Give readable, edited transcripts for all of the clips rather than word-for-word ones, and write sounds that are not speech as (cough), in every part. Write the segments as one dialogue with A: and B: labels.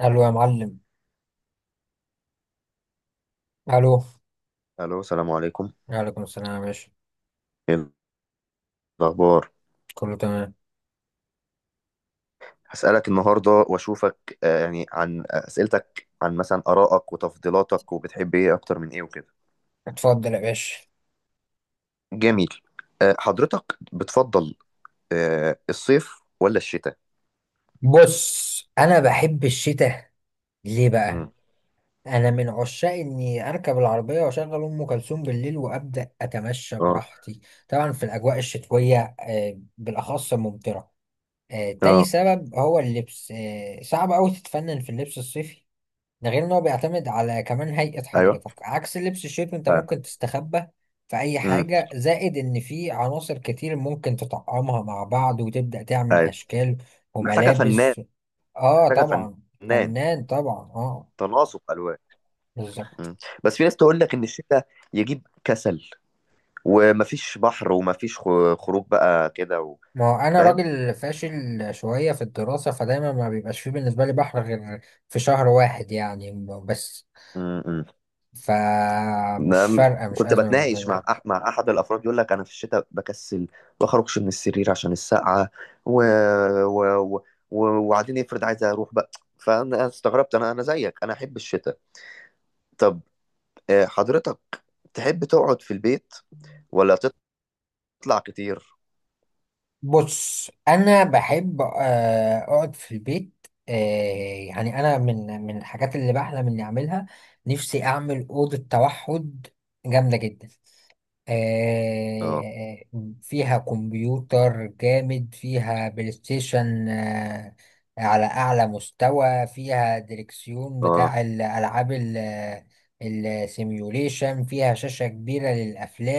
A: الو يا معلم. الو.
B: الو، السلام عليكم.
A: وعليكم السلام يا باشا.
B: ايه الاخبار؟
A: كله تمام.
B: هسألك النهارده واشوفك، يعني عن اسئلتك، عن مثلا ارائك وتفضيلاتك، وبتحب ايه اكتر من ايه وكده.
A: اتفضل يا باشا.
B: جميل. حضرتك بتفضل الصيف ولا الشتاء؟
A: بص، انا بحب الشتاء. ليه بقى؟
B: امم.
A: انا من عشاق اني اركب العربيه واشغل ام كلثوم بالليل وابدا اتمشى
B: اه.
A: براحتي. طبعا في الاجواء الشتويه، بالاخص ممطره. تاني
B: اه.
A: سبب هو اللبس، صعب قوي تتفنن في اللبس الصيفي. ده غير ان هو بيعتمد على كمان هيئة
B: ايوه.
A: حضرتك، عكس لبس الشيف انت
B: ايوه.
A: ممكن تستخبى في اي
B: امم.
A: حاجة، زائد ان في عناصر كتير ممكن تطعمها مع بعض وتبدأ تعمل
B: ايوه.
A: اشكال
B: محتاجه فنان.
A: وملابس. اه
B: محتاجه
A: طبعا.
B: فنان.
A: فنان طبعا، اه.
B: تناسق الوان.
A: بالظبط.
B: مم. بس في ناس تقول لك ان الشتاء يجيب كسل، ومفيش بحر، ومفيش خروج بقى كده
A: ما هو انا راجل فاشل شوية في الدراسة، فدايما ما بيبقاش فيه بالنسبة لي بحر غير في شهر واحد يعني بس.
B: فاهم.
A: فمش
B: نعم.
A: فارقة، مش
B: كنت
A: أزمة بالنسبة
B: بتناقش مع
A: لي.
B: مع احد الافراد يقول لك انا في الشتاء بكسل، ما اخرجش من السرير عشان السقعه و... و... و... وبعدين افرض عايز اروح بقى. فانا استغربت، انا زيك، انا احب الشتاء. طب حضرتك تحب تقعد في البيت ولا تطلع كتير؟
A: بص، انا بحب اقعد في البيت. يعني انا من الحاجات اللي بحلم اني اعملها. نفسي اعمل اوضه توحد جامده جدا.
B: اه.
A: آه، فيها كمبيوتر جامد، فيها بلاي ستيشن، على أعلى مستوى، فيها دريكسيون
B: اه.
A: بتاع الألعاب السيميوليشن، فيها شاشة كبيرة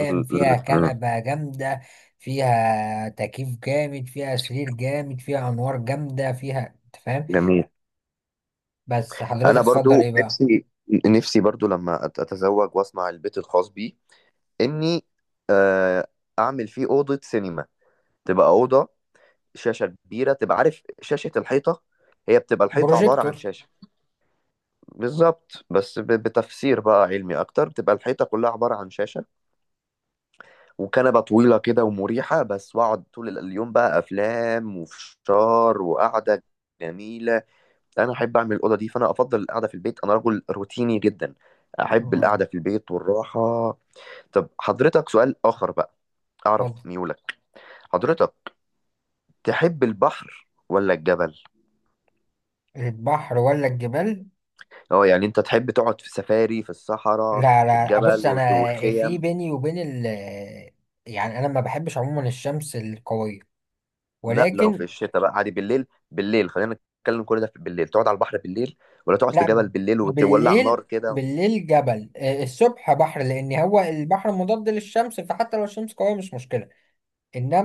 B: (laughs)
A: فيها
B: م.
A: كنبة جامدة، فيها تكييف جامد، فيها سرير جامد، فيها أنوار جامدة، فيها أنت فاهم.
B: جميل.
A: بس حضرتك
B: انا
A: تفضل
B: برضو
A: إيه بقى؟
B: نفسي، نفسي برضو لما اتزوج واصنع البيت الخاص بي، اني آه، اعمل فيه اوضه سينما. تبقى اوضه شاشة كبيرة، تبقى عارف، شاشة الحيطة. هي بتبقى الحيطة عبارة عن
A: بروجيكتور.
B: شاشة. بالظبط، بس بتفسير بقى علمي أكتر، بتبقى الحيطة كلها عبارة عن شاشة. وكنبة طويلة كده ومريحة بس، وأقعد طول اليوم بقى أفلام وفشار وقعدة جميلة. أنا أحب أعمل الأوضة دي، فأنا أفضل القعدة في البيت. أنا رجل روتيني جدا، أحب
A: آه،
B: القعدة في البيت والراحة. طب حضرتك سؤال آخر بقى أعرف
A: اتفضل.
B: ميولك. حضرتك تحب البحر ولا الجبل؟
A: البحر ولا الجبال.
B: اه، يعني انت تحب تقعد في سفاري في الصحراء،
A: لا،
B: في
A: لا، بص
B: الجبل
A: انا في
B: وخيم؟
A: بيني وبين ال، يعني انا ما بحبش عموما الشمس القوية،
B: لا، لو في
A: ولكن.
B: الشتاء بقى عادي، بالليل، بالليل خلينا نتكلم، كل ده في بالليل. تقعد على البحر بالليل، ولا تقعد في
A: لا.
B: جبل بالليل وتولع نار
A: بالليل.
B: كده؟
A: بالليل جبل، الصبح بحر، لان هو البحر مضاد للشمس، فحتى لو الشمس قوية مش مشكلة.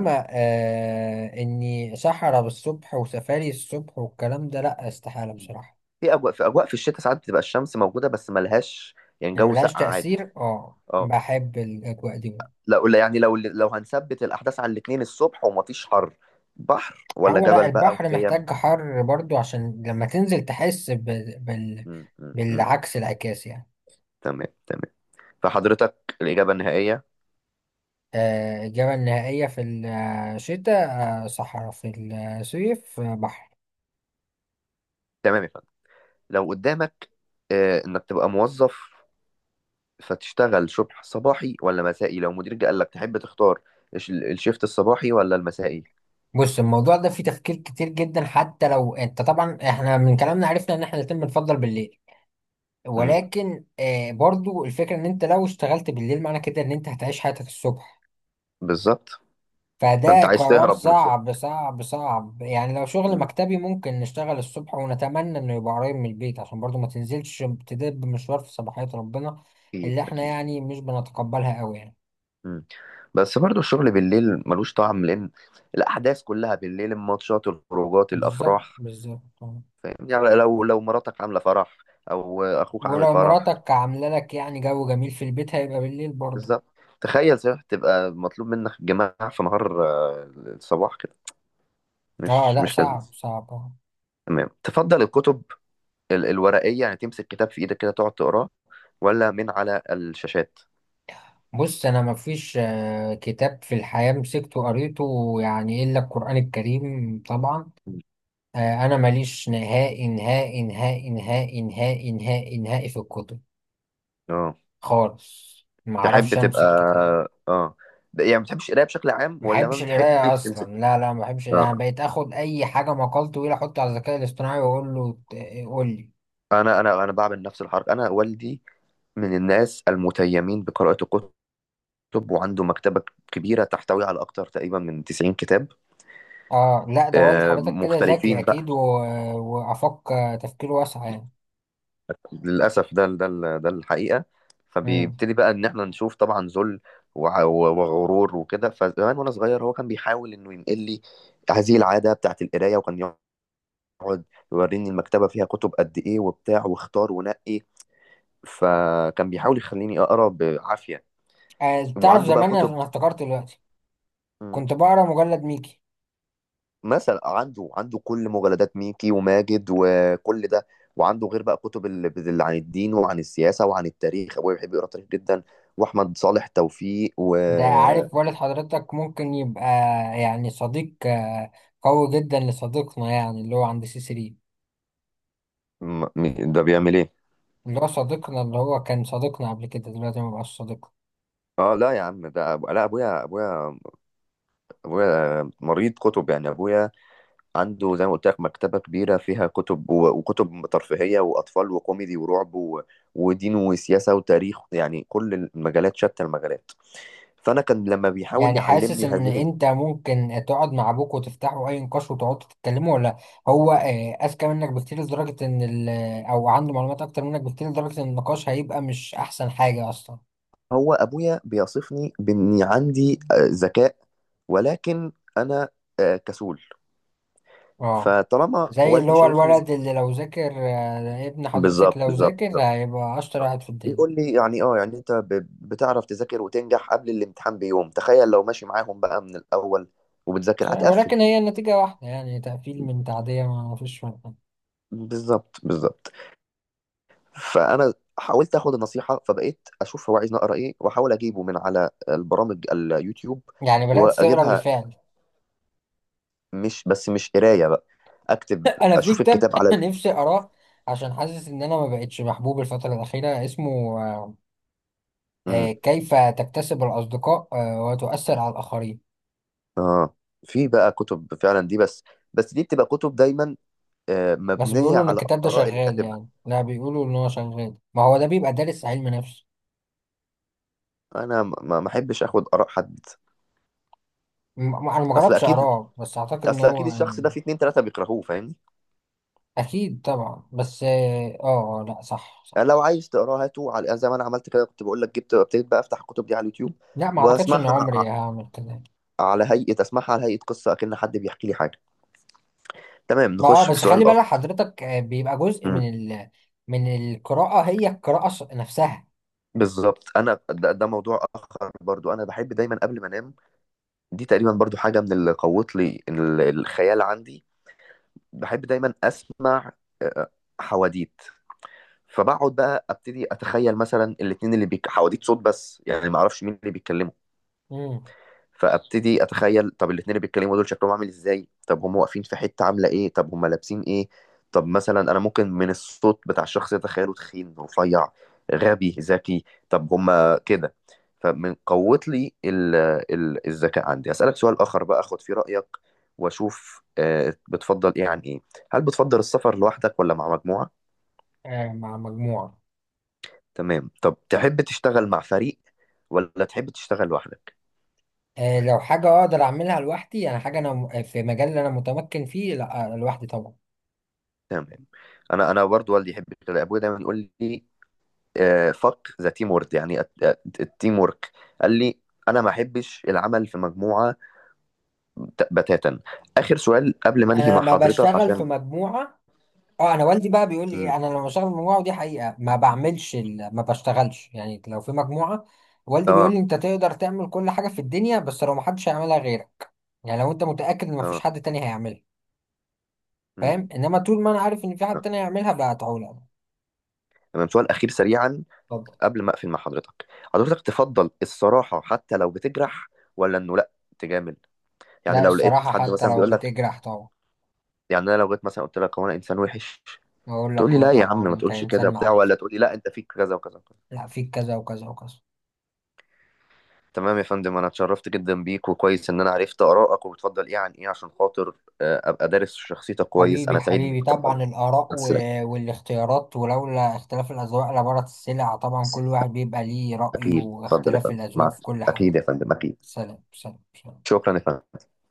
B: م.
A: اني صحراء بالصبح وسفاري الصبح والكلام ده، لا، استحالة بصراحة.
B: في اجواء في الشتاء ساعات بتبقى الشمس موجوده بس ملهاش، يعني
A: يعني
B: جو
A: ملهاش
B: ساقع عادي.
A: تأثير، اه،
B: اه.
A: بحب الاجواء دي.
B: لا قول، يعني لو هنثبت الاحداث على الاثنين، الصبح ومفيش حر، بحر ولا
A: هو لا،
B: جبل بقى
A: البحر
B: وخيم؟
A: محتاج حر برضو عشان لما تنزل تحس
B: م.
A: بالعكس، العكاس يعني.
B: تمام، تمام. فحضرتك الاجابه النهائيه.
A: الإجابة النهائية في الشتاء، صحراء في الصيف، بحر.
B: تمام. لو قدامك انك تبقى موظف، فتشتغل شبح صباحي ولا مسائي، لو مديرك قال لك تحب تختار الشيفت الصباحي ولا المسائي؟
A: بص، الموضوع ده فيه تفكير كتير جدا، حتى لو انت، طبعا احنا من كلامنا عرفنا ان احنا الاتنين بنفضل بالليل،
B: مم.
A: ولكن برضو الفكرة ان انت لو اشتغلت بالليل، معنى كده ان انت هتعيش حياتك الصبح.
B: بالظبط. فانت
A: فده
B: عايز
A: قرار
B: تهرب من الصبح.
A: صعب صعب صعب، يعني لو شغل
B: مم.
A: مكتبي ممكن نشتغل الصبح ونتمنى انه يبقى قريب من البيت عشان برضو ما تنزلش تدب مشوار في صباحية ربنا اللي
B: اكيد،
A: احنا
B: اكيد.
A: يعني مش بنتقبلها قوي يعني.
B: مم. بس برضو الشغل بالليل ملوش طعم، لان الاحداث كلها بالليل، الماتشات، الخروجات،
A: بالظبط
B: الافراح.
A: بالظبط.
B: فاهم، يعني لو مراتك عامله فرح، او اخوك عامل
A: ولو
B: فرح.
A: مراتك عاملة لك يعني جو جميل في البيت، هيبقى بالليل برضو.
B: بالظبط. تخيل، صح، تبقى مطلوب منك جماعة في نهار الصباح كده،
A: اه
B: مش
A: لا،
B: مش
A: صعب
B: لذيذ.
A: صعب.
B: تمام. تفضل الكتب الورقية، يعني تمسك كتاب في ايدك كده تقعد تقراه، ولا من على الشاشات؟
A: بص، انا مفيش كتاب في الحياة مسكته قريته، يعني الا القرآن الكريم طبعا. انا ماليش نهائي نهائي نهائي نهائي نهائي نهائي نهائي في الكتب،
B: اه.
A: خالص. ما
B: تحب
A: اعرفش
B: تبقى.
A: امسك كتاب.
B: اه. يعني ما بتحبش القراية بشكل عام،
A: ما
B: ولا ما
A: بحبش القرايه
B: بتحبش
A: اصلا،
B: تمسك؟
A: لا، لا، ما بحبش القراية.
B: اه.
A: انا بقيت اخد اي حاجه، مقال طويل احطه على الذكاء الاصطناعي واقول له قول لي.
B: انا بعمل نفس الحركة. انا والدي من الناس المتيمين بقراءة الكتب، وعنده مكتبة كبيرة تحتوي على اكتر تقريبا من 90 كتاب
A: اه لا، ده والد حضرتك كده ذكي
B: مختلفين.
A: اكيد. وافق. تفكير واسع يعني.
B: للأسف ده ده الحقيقة.
A: امم.
B: فبيبتدي بقى إن إحنا نشوف، طبعا، ذل وغرور وكده. فزمان وأنا صغير، هو كان بيحاول إنه ينقل لي هذه العادة بتاعت القراية، وكان يقعد يوريني المكتبة فيها كتب قد إيه وبتاع، واختار ونقي. فكان بيحاول يخليني أقرأ بعافية.
A: تعرف
B: وعنده بقى
A: زمان انا
B: كتب،
A: أنا افتكرت دلوقتي كنت بقرا مجلد ميكي.
B: مثلا عنده كل مجلدات ميكي وماجد وكل ده، وعنده غير بقى كتب اللي عن الدين وعن السياسة وعن التاريخ. أبويا بيحب يقرأ تاريخ جدا، وأحمد صالح توفيق، و
A: ده عارف، والد حضرتك ممكن يبقى يعني صديق قوي جدا لصديقنا، يعني اللي هو عند سي 3.
B: ده بيعمل إيه؟
A: اللي هو صديقنا، اللي هو كان صديقنا قبل كده، دلوقتي ما بقاش صديقنا.
B: اه لا يا عم، ده لا، ابويا مريض كتب. يعني ابويا عنده زي ما قلت لك مكتبه كبيره، فيها كتب وكتب ترفيهيه واطفال وكوميدي ورعب ودين وسياسه وتاريخ، يعني كل المجالات، شتى المجالات. فانا كان لما بيحاول
A: يعني حاسس
B: يعلمني
A: ان
B: هذه.
A: انت ممكن تقعد مع ابوك وتفتحوا اي نقاش وتقعدوا تتكلموا، ولا هو اذكى منك بكتير، لدرجة ان ال آه، او عنده معلومات اكتر منك بكتير، لدرجة ان النقاش هيبقى مش احسن حاجة اصلا.
B: هو ابويا بيصفني باني عندي ذكاء، ولكن انا كسول.
A: اه،
B: فطالما
A: زي اللي
B: والدي
A: هو
B: شايفني
A: الولد اللي لو ذاكر ابن حضرتك
B: بالظبط،
A: لو
B: بالظبط،
A: ذاكر
B: بالظبط.
A: هيبقى اشطر
B: بالظبط.
A: واحد في الدنيا.
B: بيقول لي، يعني، اه، يعني انت بتعرف تذاكر وتنجح قبل الامتحان بيوم، تخيل لو ماشي معاهم بقى من الاول
A: مش
B: وبتذاكر،
A: عارف،
B: هتقفل.
A: ولكن هي النتيجة واحدة، يعني تقفيل من تعدية، ما فيش فرق
B: بالظبط، بالظبط. فانا حاولت اخد النصيحه، فبقيت اشوف هو عايز اقرا ايه، واحاول اجيبه من على البرامج، اليوتيوب،
A: يعني. بدأت تقرا
B: واجيبها.
A: بالفعل.
B: مش بس مش قرايه بقى، اكتب،
A: (laughs) أنا في
B: اشوف
A: كتاب
B: الكتاب
A: (laughs) (coughs)
B: على...
A: نفسي أقراه عشان حاسس إن أنا ما بقتش محبوب الفترة الأخيرة، اسمه
B: امم.
A: كيف تكتسب الأصدقاء وتؤثر على الآخرين.
B: اه. في بقى كتب فعلا دي، بس دي بتبقى كتب دايما
A: بس
B: مبنيه
A: بيقولوا إن
B: على
A: الكتاب ده
B: اراء اللي
A: شغال،
B: كاتبها.
A: يعني لا، بيقولوا إن هو شغال، ما هو ده بيبقى دارس علم نفس.
B: انا ما احبش اخد اراء حد.
A: أنا ما
B: اصل
A: جربتش
B: اكيد،
A: أقراه، بس أعتقد إن
B: اصل
A: هو
B: اكيد الشخص ده
A: يعني
B: في اتنين تلاته بيكرهوه، فاهمني؟
A: أكيد طبعا، بس لا، صح، صح.
B: يعني لو عايز تقراه هاته على، يعني زي ما انا عملت كده، كنت بقول لك جبت، ابتديت بقى افتح الكتب دي على اليوتيوب
A: لا، ما أعتقدش إن
B: واسمعها
A: عمري هعمل كده.
B: على هيئه. اسمعها على هيئه قصه، اكن حد بيحكي لي حاجه. تمام،
A: ما،
B: نخش في
A: بس خلي
B: سؤال
A: بالك
B: اخر.
A: حضرتك، بيبقى جزء
B: مم.
A: من من القراءة، هي القراءة نفسها.
B: بالظبط. انا ده موضوع اخر برضو، انا بحب دايما قبل ما انام، دي تقريبا برضو حاجة من اللي قوت لي الخيال عندي. بحب دايما أسمع آه، حواديت. فبقعد بقى أبتدي أتخيل، مثلا الاتنين اللي حواديت صوت بس، يعني ما أعرفش مين اللي بيتكلموا.
A: امم.
B: فابتدي اتخيل، طب الاتنين اللي بيتكلموا دول شكلهم عامل ازاي، طب هم واقفين في حته عامله ايه، طب هم لابسين ايه. طب مثلا انا ممكن من الصوت بتاع الشخص اتخيله تخين، رفيع، غبي، ذكي. طب هم كده. فمن قوت لي الذكاء عندي. اسالك سؤال اخر بقى اخد فيه رايك، واشوف بتفضل ايه عن ايه. هل بتفضل السفر لوحدك ولا مع مجموعه؟
A: مع مجموعة.
B: تمام. طب تحب تشتغل مع فريق ولا تحب تشتغل لوحدك؟
A: لو حاجة أقدر أعملها لوحدي، أنا حاجة، أنا في مجال اللي أنا متمكن فيه، لا، لوحدي طبعا.
B: تمام. انا برضو والدي يحب كده، ابويا دايما يقول لي فك ذا تيم وورك، يعني التيم وورك. قال لي انا ما احبش العمل في مجموعه بتاتا. اخر سؤال قبل ما انهي
A: أنا
B: مع
A: لما
B: حضرتك
A: بشتغل في
B: عشان...
A: مجموعة، اه انا والدي بقى بيقول لي ايه،
B: مم.
A: انا لما بشتغل في مجموعه، ودي حقيقه، ما بعملش ما بشتغلش، يعني لو في مجموعه. والدي بيقول
B: اه.
A: لي، انت تقدر تعمل كل حاجه في الدنيا، بس لو ما حدش هيعملها غيرك، يعني لو انت متاكد ان ما فيش
B: اه.
A: حد تاني هيعملها.
B: مم.
A: فاهم، انما طول ما انا عارف ان في حد
B: آه.
A: تاني يعملها بقطعه له.
B: تمام، سؤال اخير سريعا
A: اتفضل.
B: قبل ما اقفل مع حضرتك. حضرتك تفضل الصراحه حتى لو بتجرح، ولا انه لا تجامل؟ يعني
A: لا،
B: لو لقيت
A: الصراحه
B: حد
A: حتى
B: مثلا
A: لو
B: بيقول لك،
A: بتجرح، طبعا.
B: يعني انا لو جيت مثلا قلت لك هو انا انسان وحش،
A: اقول
B: تقول
A: لك
B: لي
A: اه
B: لا يا عم
A: طبعا،
B: ما
A: انت
B: تقولش كده
A: انسان
B: بتاع،
A: معفن.
B: ولا تقول لي لا انت فيك كذا وكذا وكذا؟
A: لا، فيك كذا وكذا وكذا.
B: تمام يا فندم، انا اتشرفت جدا بيك، وكويس ان انا عرفت ارائك وبتفضل ايه عن ايه، عشان خاطر ابقى دارس شخصيتك كويس.
A: حبيبي
B: انا سعيد اني
A: حبيبي،
B: كنت معاك،
A: طبعا
B: مع
A: الاراء
B: السلامة.
A: والاختيارات، ولولا اختلاف الاذواق لبارت السلع. طبعا كل واحد بيبقى ليه رايه،
B: اكيد، اتفضل يا
A: واختلاف
B: فندم،
A: الاذواق
B: مع.
A: في كل حاجه.
B: اكيد يا فندم، اكيد.
A: سلام، سلام، سلام.
B: شكرا يا فندم.